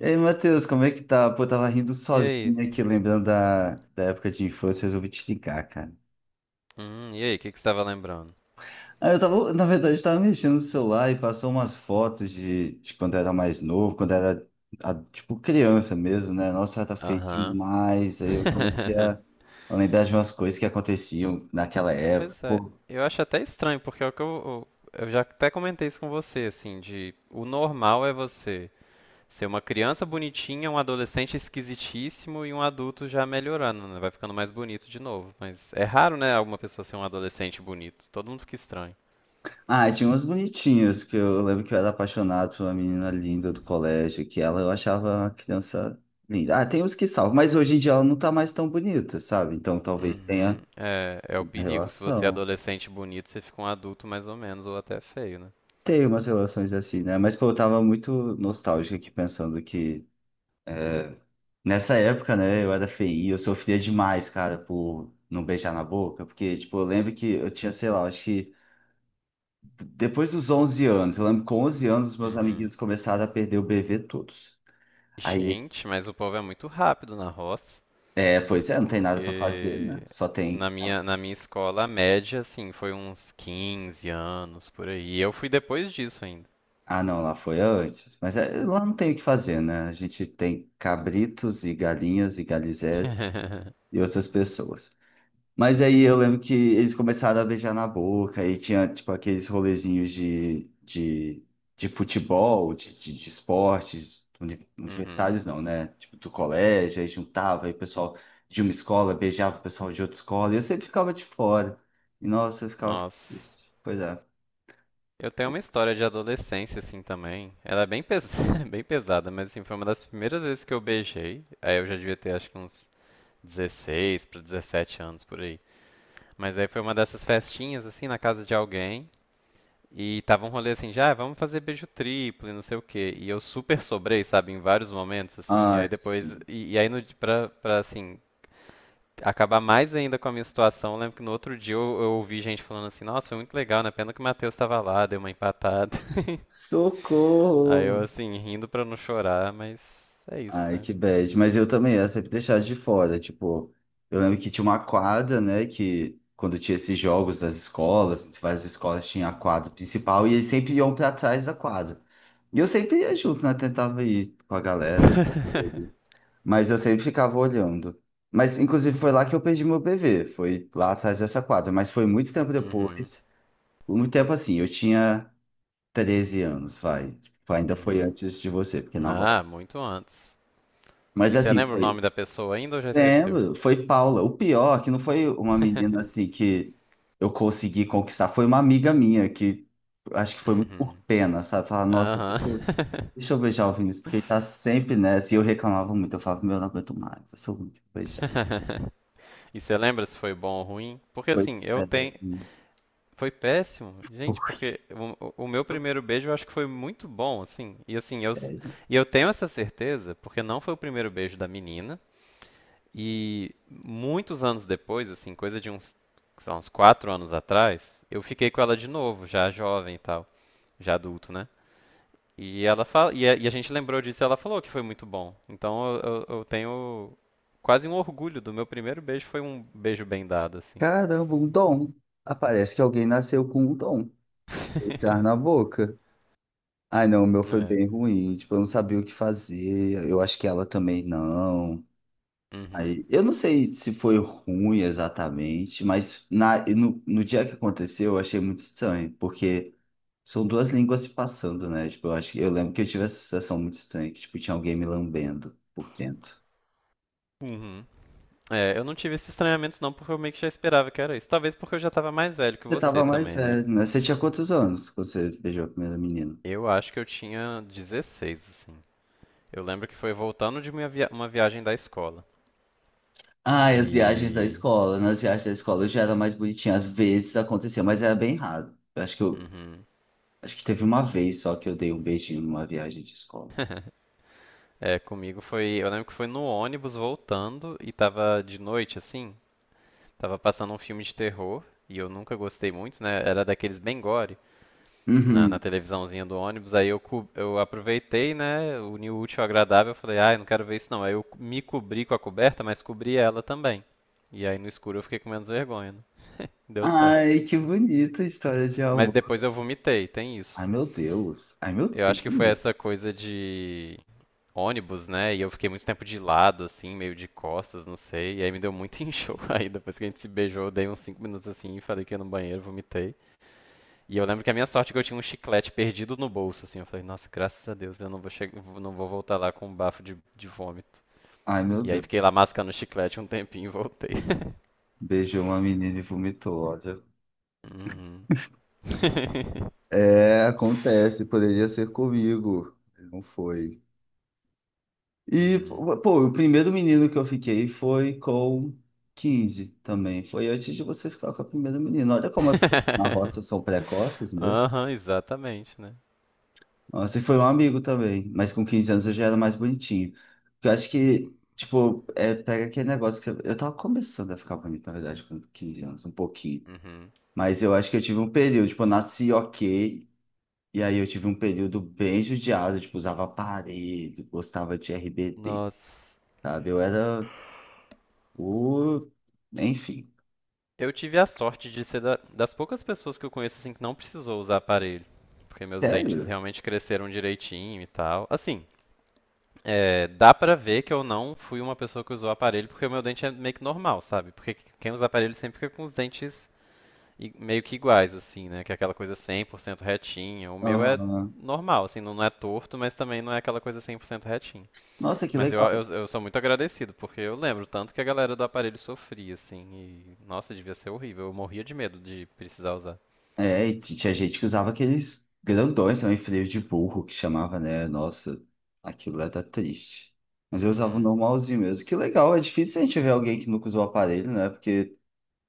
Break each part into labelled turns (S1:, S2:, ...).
S1: E aí, Matheus, como é que tá? Pô, eu tava rindo
S2: E aí?
S1: sozinho aqui, lembrando da época de infância, resolvi te ligar, cara.
S2: E aí, o que que você estava lembrando?
S1: Ah, eu tava, na verdade, eu tava mexendo no celular e passou umas fotos de quando era mais novo, tipo, criança mesmo, né? Nossa, era feio
S2: Aham.
S1: demais. Aí eu comecei a, a lembrar de umas coisas que aconteciam naquela época.
S2: Pois é, eu acho até estranho, porque é o que eu já até comentei isso com você, assim, de o normal é você ser uma criança bonitinha, um adolescente esquisitíssimo e um adulto já melhorando, né? Vai ficando mais bonito de novo. Mas é raro, né, alguma pessoa ser um adolescente bonito. Todo mundo fica estranho.
S1: Ah, tinha umas bonitinhas, que eu lembro que eu era apaixonado por uma menina linda do colégio, que ela eu achava uma criança linda. Ah, tem uns que salvam, mas hoje em dia ela não tá mais tão bonita, sabe? Então talvez tenha
S2: Uhum. É o
S1: uma
S2: perigo. Se você é
S1: relação.
S2: adolescente bonito, você fica um adulto mais ou menos, ou até feio, né?
S1: Tem umas relações assim, né? Mas pô, eu tava muito nostálgico aqui pensando que nessa época, né, eu era feio, eu sofria demais, cara, por não beijar na boca, porque, tipo, eu lembro que eu tinha, sei lá, acho que depois dos 11 anos, eu lembro que com 11 anos os meus
S2: Uhum.
S1: amiguinhos começaram a perder o bebê todos. Aí
S2: Gente, mas o povo é muito rápido na roça,
S1: É, pois é, não tem nada para fazer, né?
S2: porque
S1: Só tem.
S2: na minha escola a média, assim, foi uns 15 anos por aí. E eu fui depois disso ainda.
S1: Ah, não, lá foi antes. Mas é, lá não tem o que fazer, né? A gente tem cabritos e galinhas e galizés e outras pessoas. Mas aí eu lembro que eles começaram a beijar na boca e tinha, tipo, aqueles rolezinhos de futebol, de esportes,
S2: Uhum.
S1: universitários não, né? Tipo, do colégio, aí juntava, aí o pessoal de uma escola beijava o pessoal de outra escola e eu sempre ficava de fora. E nossa, eu ficava
S2: Nossa.
S1: triste. Pois é.
S2: Eu tenho uma história de adolescência, assim, também. Ela é bem, bem pesada, mas, assim, foi uma das primeiras vezes que eu beijei. Aí eu já devia ter, acho que uns 16 para 17 anos por aí. Mas aí foi uma dessas festinhas, assim, na casa de alguém. E tava um rolê assim, já, "Ah, vamos fazer beijo triplo e não sei o quê. E eu super sobrei, sabe, em vários momentos, assim. Aí
S1: Ai,
S2: depois,
S1: sim.
S2: e aí no, di- pra, assim, acabar mais ainda com a minha situação, eu lembro que no outro dia eu ouvi gente falando assim, nossa, foi muito legal, né? Pena que o Matheus tava lá, deu uma empatada. Aí eu,
S1: Socorro!
S2: assim, rindo pra não chorar, mas é isso,
S1: Ai,
S2: né?
S1: que bad. Mas eu também ia sempre deixar de fora. Tipo, eu lembro que tinha uma quadra, né? Que quando tinha esses jogos das escolas, várias escolas tinham a quadra principal e eles sempre iam pra trás da quadra. E eu sempre ia junto, né? Tentava ir com a galera tudo. Mas eu sempre ficava olhando. Mas, inclusive, foi lá que eu perdi meu bebê. Foi lá atrás dessa quadra. Mas foi muito tempo
S2: Uhum,
S1: depois. Muito tempo assim. Eu tinha 13 anos, vai. Tipo, ainda foi
S2: uhum.
S1: antes de você, porque na roça.
S2: Ah, muito antes.
S1: Mas
S2: E você
S1: assim,
S2: lembra o
S1: foi.
S2: nome da pessoa ainda ou já esqueceu?
S1: Lembro, foi Paula. O pior é que não foi uma menina assim que eu consegui conquistar, foi uma amiga minha que acho que foi muito por
S2: Uhum.
S1: pena, sabe? Falar, nossa,
S2: Aham.
S1: deixa eu beijar o Vinícius, porque ele tá sempre nessa. E eu reclamava muito, eu falava, meu, eu não aguento mais, eu sou muito beijar.
S2: E você lembra se foi bom ou ruim? Porque
S1: Foi
S2: assim, eu tenho.
S1: péssimo.
S2: Foi péssimo, gente,
S1: Foi.
S2: porque o meu primeiro beijo eu acho que foi muito bom, assim. E assim, eu,
S1: Sério.
S2: e eu tenho essa certeza, porque não foi o primeiro beijo da menina. E muitos anos depois, assim, coisa de uns, sei lá, uns 4 anos atrás, eu fiquei com ela de novo, já jovem e tal. Já adulto, né? E ela fala, e a gente lembrou disso e ela falou que foi muito bom. Então eu tenho quase um orgulho do meu primeiro beijo, foi um beijo bem dado, assim.
S1: Caramba, um dom. Aparece que alguém nasceu com um dom. Beijar na boca. Ai, não, o meu foi
S2: É.
S1: bem ruim. Tipo, eu não sabia o que fazer. Eu acho que ela também não.
S2: Uhum.
S1: Aí, eu não sei se foi ruim exatamente, mas na, no, no dia que aconteceu, eu achei muito estranho, porque são duas línguas se passando, né? Tipo, eu acho que eu lembro que eu tive essa sensação muito estranha, que tipo, tinha alguém me lambendo por dentro.
S2: Uhum. É, eu não tive esses estranhamentos não, porque eu meio que já esperava que era isso. Talvez porque eu já tava mais velho que
S1: Você
S2: você
S1: tava mais
S2: também, né?
S1: velho, né? Você tinha quantos anos quando você beijou a primeira menina?
S2: Eu acho que eu tinha 16, assim. Eu lembro que foi voltando de uma viagem da escola.
S1: Ah, e as viagens da
S2: E.
S1: escola. Nas viagens da escola eu já era mais bonitinha. Às vezes acontecia, mas era bem raro. Eu acho que eu,
S2: Uhum.
S1: acho que teve uma vez só que eu dei um beijinho numa viagem de escola.
S2: É, comigo foi. Eu lembro que foi no ônibus voltando e tava de noite, assim. Tava passando um filme de terror e eu nunca gostei muito, né? Era daqueles bem gore na
S1: Uhum.
S2: televisãozinha do ônibus. Aí eu aproveitei, né? Uni o útil ao agradável. Eu falei, ai, não quero ver isso não. Aí eu me cobri com a coberta, mas cobri ela também. E aí no escuro eu fiquei com menos vergonha, né? Deu certo.
S1: Ai, que bonita a história de
S2: Mas
S1: amor.
S2: depois eu vomitei, tem
S1: Ai,
S2: isso.
S1: meu Deus. Ai, meu
S2: Eu acho que
S1: Deus.
S2: foi essa coisa de ônibus, né? E eu fiquei muito tempo de lado, assim, meio de costas, não sei. E aí me deu muito enjoo. Aí depois que a gente se beijou, eu dei uns 5 minutos assim e falei que ia no banheiro, vomitei. E eu lembro que a minha sorte é que eu tinha um chiclete perdido no bolso, assim. Eu falei, nossa, graças a Deus, eu não vou voltar lá com um bafo de, vômito.
S1: Ai, meu
S2: E aí
S1: Deus.
S2: fiquei lá mascando o chiclete um tempinho e voltei.
S1: Beijou uma menina e vomitou, olha.
S2: Uhum.
S1: É, acontece. Poderia ser comigo. Não foi. E,
S2: Uhum.
S1: pô, o primeiro menino que eu fiquei foi com 15 também. Foi antes de você ficar com a primeira menina. Olha como as coisas na roça são precoces.
S2: Aham, exatamente, né?
S1: Nossa, e foi um amigo também, mas com 15 anos eu já era mais bonitinho. Eu acho que, tipo, é, pega aquele negócio que eu tava começando a ficar bonito, na verdade, com 15 anos, um pouquinho.
S2: Uhum.
S1: Mas eu acho que eu tive um período, tipo, eu nasci ok, e aí eu tive um período bem judiado, tipo, usava aparelho, gostava de RBD,
S2: Nossa.
S1: sabe? Eu era o. Enfim,
S2: Eu tive a sorte de ser das poucas pessoas que eu conheço assim que não precisou usar aparelho, porque meus dentes
S1: sério?
S2: realmente cresceram direitinho e tal. Assim, é, dá pra ver que eu não fui uma pessoa que usou aparelho, porque o meu dente é meio que normal, sabe? Porque quem usa aparelho sempre fica com os dentes meio que iguais, assim, né? Que é aquela coisa 100% retinha. O meu é
S1: Aham.
S2: normal, assim, não não é torto, mas também não é aquela coisa 100% retinha.
S1: Nossa, que
S2: Mas eu, eu,
S1: legal.
S2: eu sou muito agradecido, porque eu lembro tanto que a galera do aparelho sofria, assim, e nossa, devia ser horrível. Eu morria de medo de precisar usar.
S1: É, e tinha gente que usava aqueles grandões também, freio de burro, que chamava, né? Nossa, aquilo era triste. Mas eu usava o
S2: Uhum,
S1: normalzinho mesmo. Que legal, é difícil a gente ver alguém que nunca usou aparelho, né? Porque,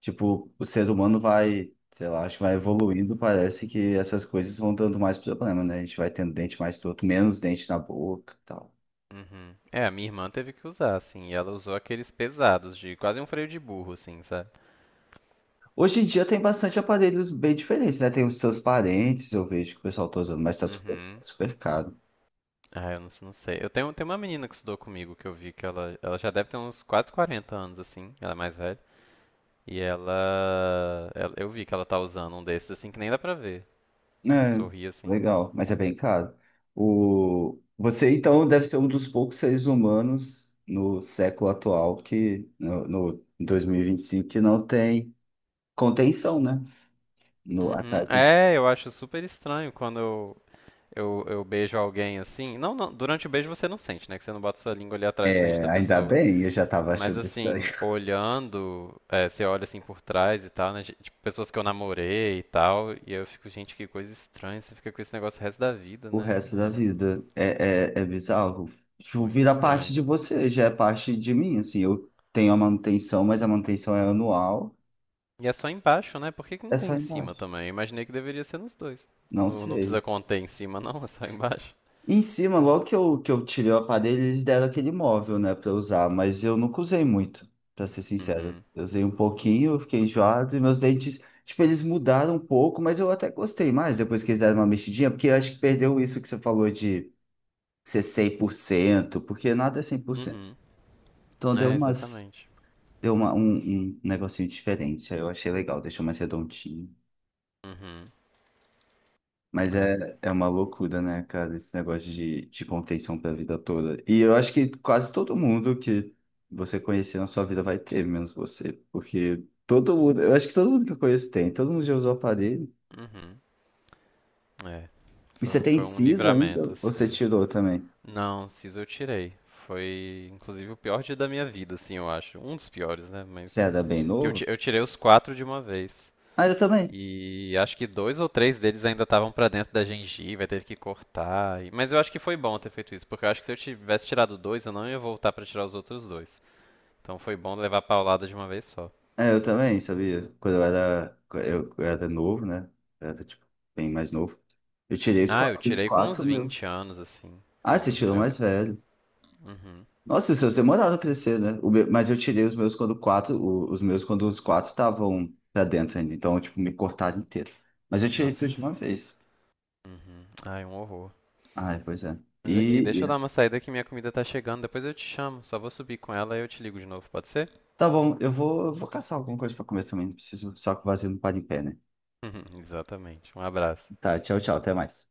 S1: tipo, o ser humano vai, sei lá, acho que vai evoluindo, parece que essas coisas vão dando mais problema, né? A gente vai tendo dente mais torto, menos dente na boca e tal.
S2: uhum. É, a minha irmã teve que usar, assim, e ela usou aqueles pesados, de quase um freio de burro, assim, sabe?
S1: Hoje em dia tem bastante aparelhos bem diferentes, né? Tem os transparentes, eu vejo que o pessoal tá usando, mas tá
S2: Uhum.
S1: super caro.
S2: Ah, eu não, não sei. Eu tenho uma menina que estudou comigo que eu vi que ela já deve ter uns quase 40 anos, assim, ela é mais velha. E eu vi que ela tá usando um desses, assim, que nem dá pra ver. Você
S1: É,
S2: sorri, assim.
S1: legal, mas é bem caro. O... Você, então, deve ser um dos poucos seres humanos no século atual, que no em 2025 que não tem contenção, né? No,
S2: Uhum.
S1: atrás do...
S2: É, eu acho super estranho quando eu beijo alguém assim. Não, não, durante o beijo você não sente, né? Que você não bota sua língua ali atrás do dente da
S1: É, ainda
S2: pessoa.
S1: bem, eu já estava
S2: Mas
S1: achando estranho.
S2: assim, olhando, é, você olha assim por trás e tal, né? Tipo, pessoas que eu namorei e tal. E eu fico, gente, que coisa estranha. Você fica com esse negócio o resto da vida,
S1: O
S2: né?
S1: resto da vida é, é bizarro.
S2: É
S1: Tipo,
S2: muito
S1: vira parte
S2: estranho.
S1: de você, já é parte de mim, assim. Eu tenho a manutenção, mas a manutenção é anual,
S2: E é só embaixo, né? Por que que
S1: é
S2: não
S1: só
S2: tem em cima
S1: embaixo.
S2: também? Eu imaginei que deveria ser nos dois.
S1: Não
S2: Não, não precisa
S1: sei.
S2: conter em cima, não, é só embaixo.
S1: Em cima, logo que eu tirei o aparelho, eles deram aquele móvel, né, pra eu usar, mas eu nunca usei muito, pra ser sincero.
S2: Uhum.
S1: Eu usei um pouquinho, eu fiquei enjoado, e meus dentes, tipo, eles mudaram um pouco, mas eu até gostei mais depois que eles deram uma mexidinha, porque eu acho que perdeu isso que você falou de ser 100%, porque nada é 100%.
S2: Uhum.
S1: Então deu
S2: É,
S1: umas,
S2: exatamente.
S1: deu uma, um, um negocinho diferente, aí eu achei legal, deixou mais redondinho.
S2: Uhum.
S1: Mas
S2: É.
S1: é, é uma loucura, né, cara, esse negócio de contenção pra vida toda. E eu acho que quase todo mundo que você conhecer na sua vida vai ter, menos você. Porque todo mundo, eu acho que todo mundo que eu conheço tem, todo mundo já usou aparelho.
S2: Uhum. É.
S1: E você
S2: Foi,
S1: tem
S2: foi um
S1: siso ainda?
S2: livramento,
S1: Ou você
S2: assim.
S1: tirou também?
S2: Não, siso eu tirei. Foi, inclusive, o pior dia da minha vida, assim, eu acho. Um dos piores, né? Mas
S1: Você era bem
S2: que eu, ti-
S1: novo?
S2: eu tirei os quatro de uma vez.
S1: Ah, eu também.
S2: E acho que dois ou três deles ainda estavam pra dentro da gengiva, teve que cortar. Mas eu acho que foi bom ter feito isso, porque eu acho que se eu tivesse tirado dois, eu não ia voltar pra tirar os outros dois. Então foi bom levar a paulada de uma vez só.
S1: É, eu também, sabia? Quando eu era, eu era novo, né? Eu era, tipo, bem mais novo. Eu tirei
S2: Ah, eu
S1: os
S2: tirei com uns
S1: quatro, meu.
S2: 20 anos, assim,
S1: Ah,
S2: um
S1: você
S2: dos
S1: tirou mais
S2: meus.
S1: velho.
S2: Uhum.
S1: Nossa, os seus demoraram a crescer, né? O meu- mas eu tirei os meus quando quatro, os meus quando os quatro estavam pra dentro ainda, então, tipo, me cortaram inteiro. Mas eu tirei tudo de
S2: Nossa.
S1: uma vez.
S2: Uhum. Ai, um horror.
S1: Ai, pois é.
S2: Mas aqui,
S1: E,
S2: deixa eu dar
S1: e-
S2: uma saída que minha comida tá chegando, depois eu te chamo. Só vou subir com ela e eu te ligo de novo, pode ser?
S1: tá bom, eu vou caçar alguma coisa pra comer também, não preciso só que o vazio não para em pé, né?
S2: Exatamente. Um abraço.
S1: Tá, tchau, tchau, até mais.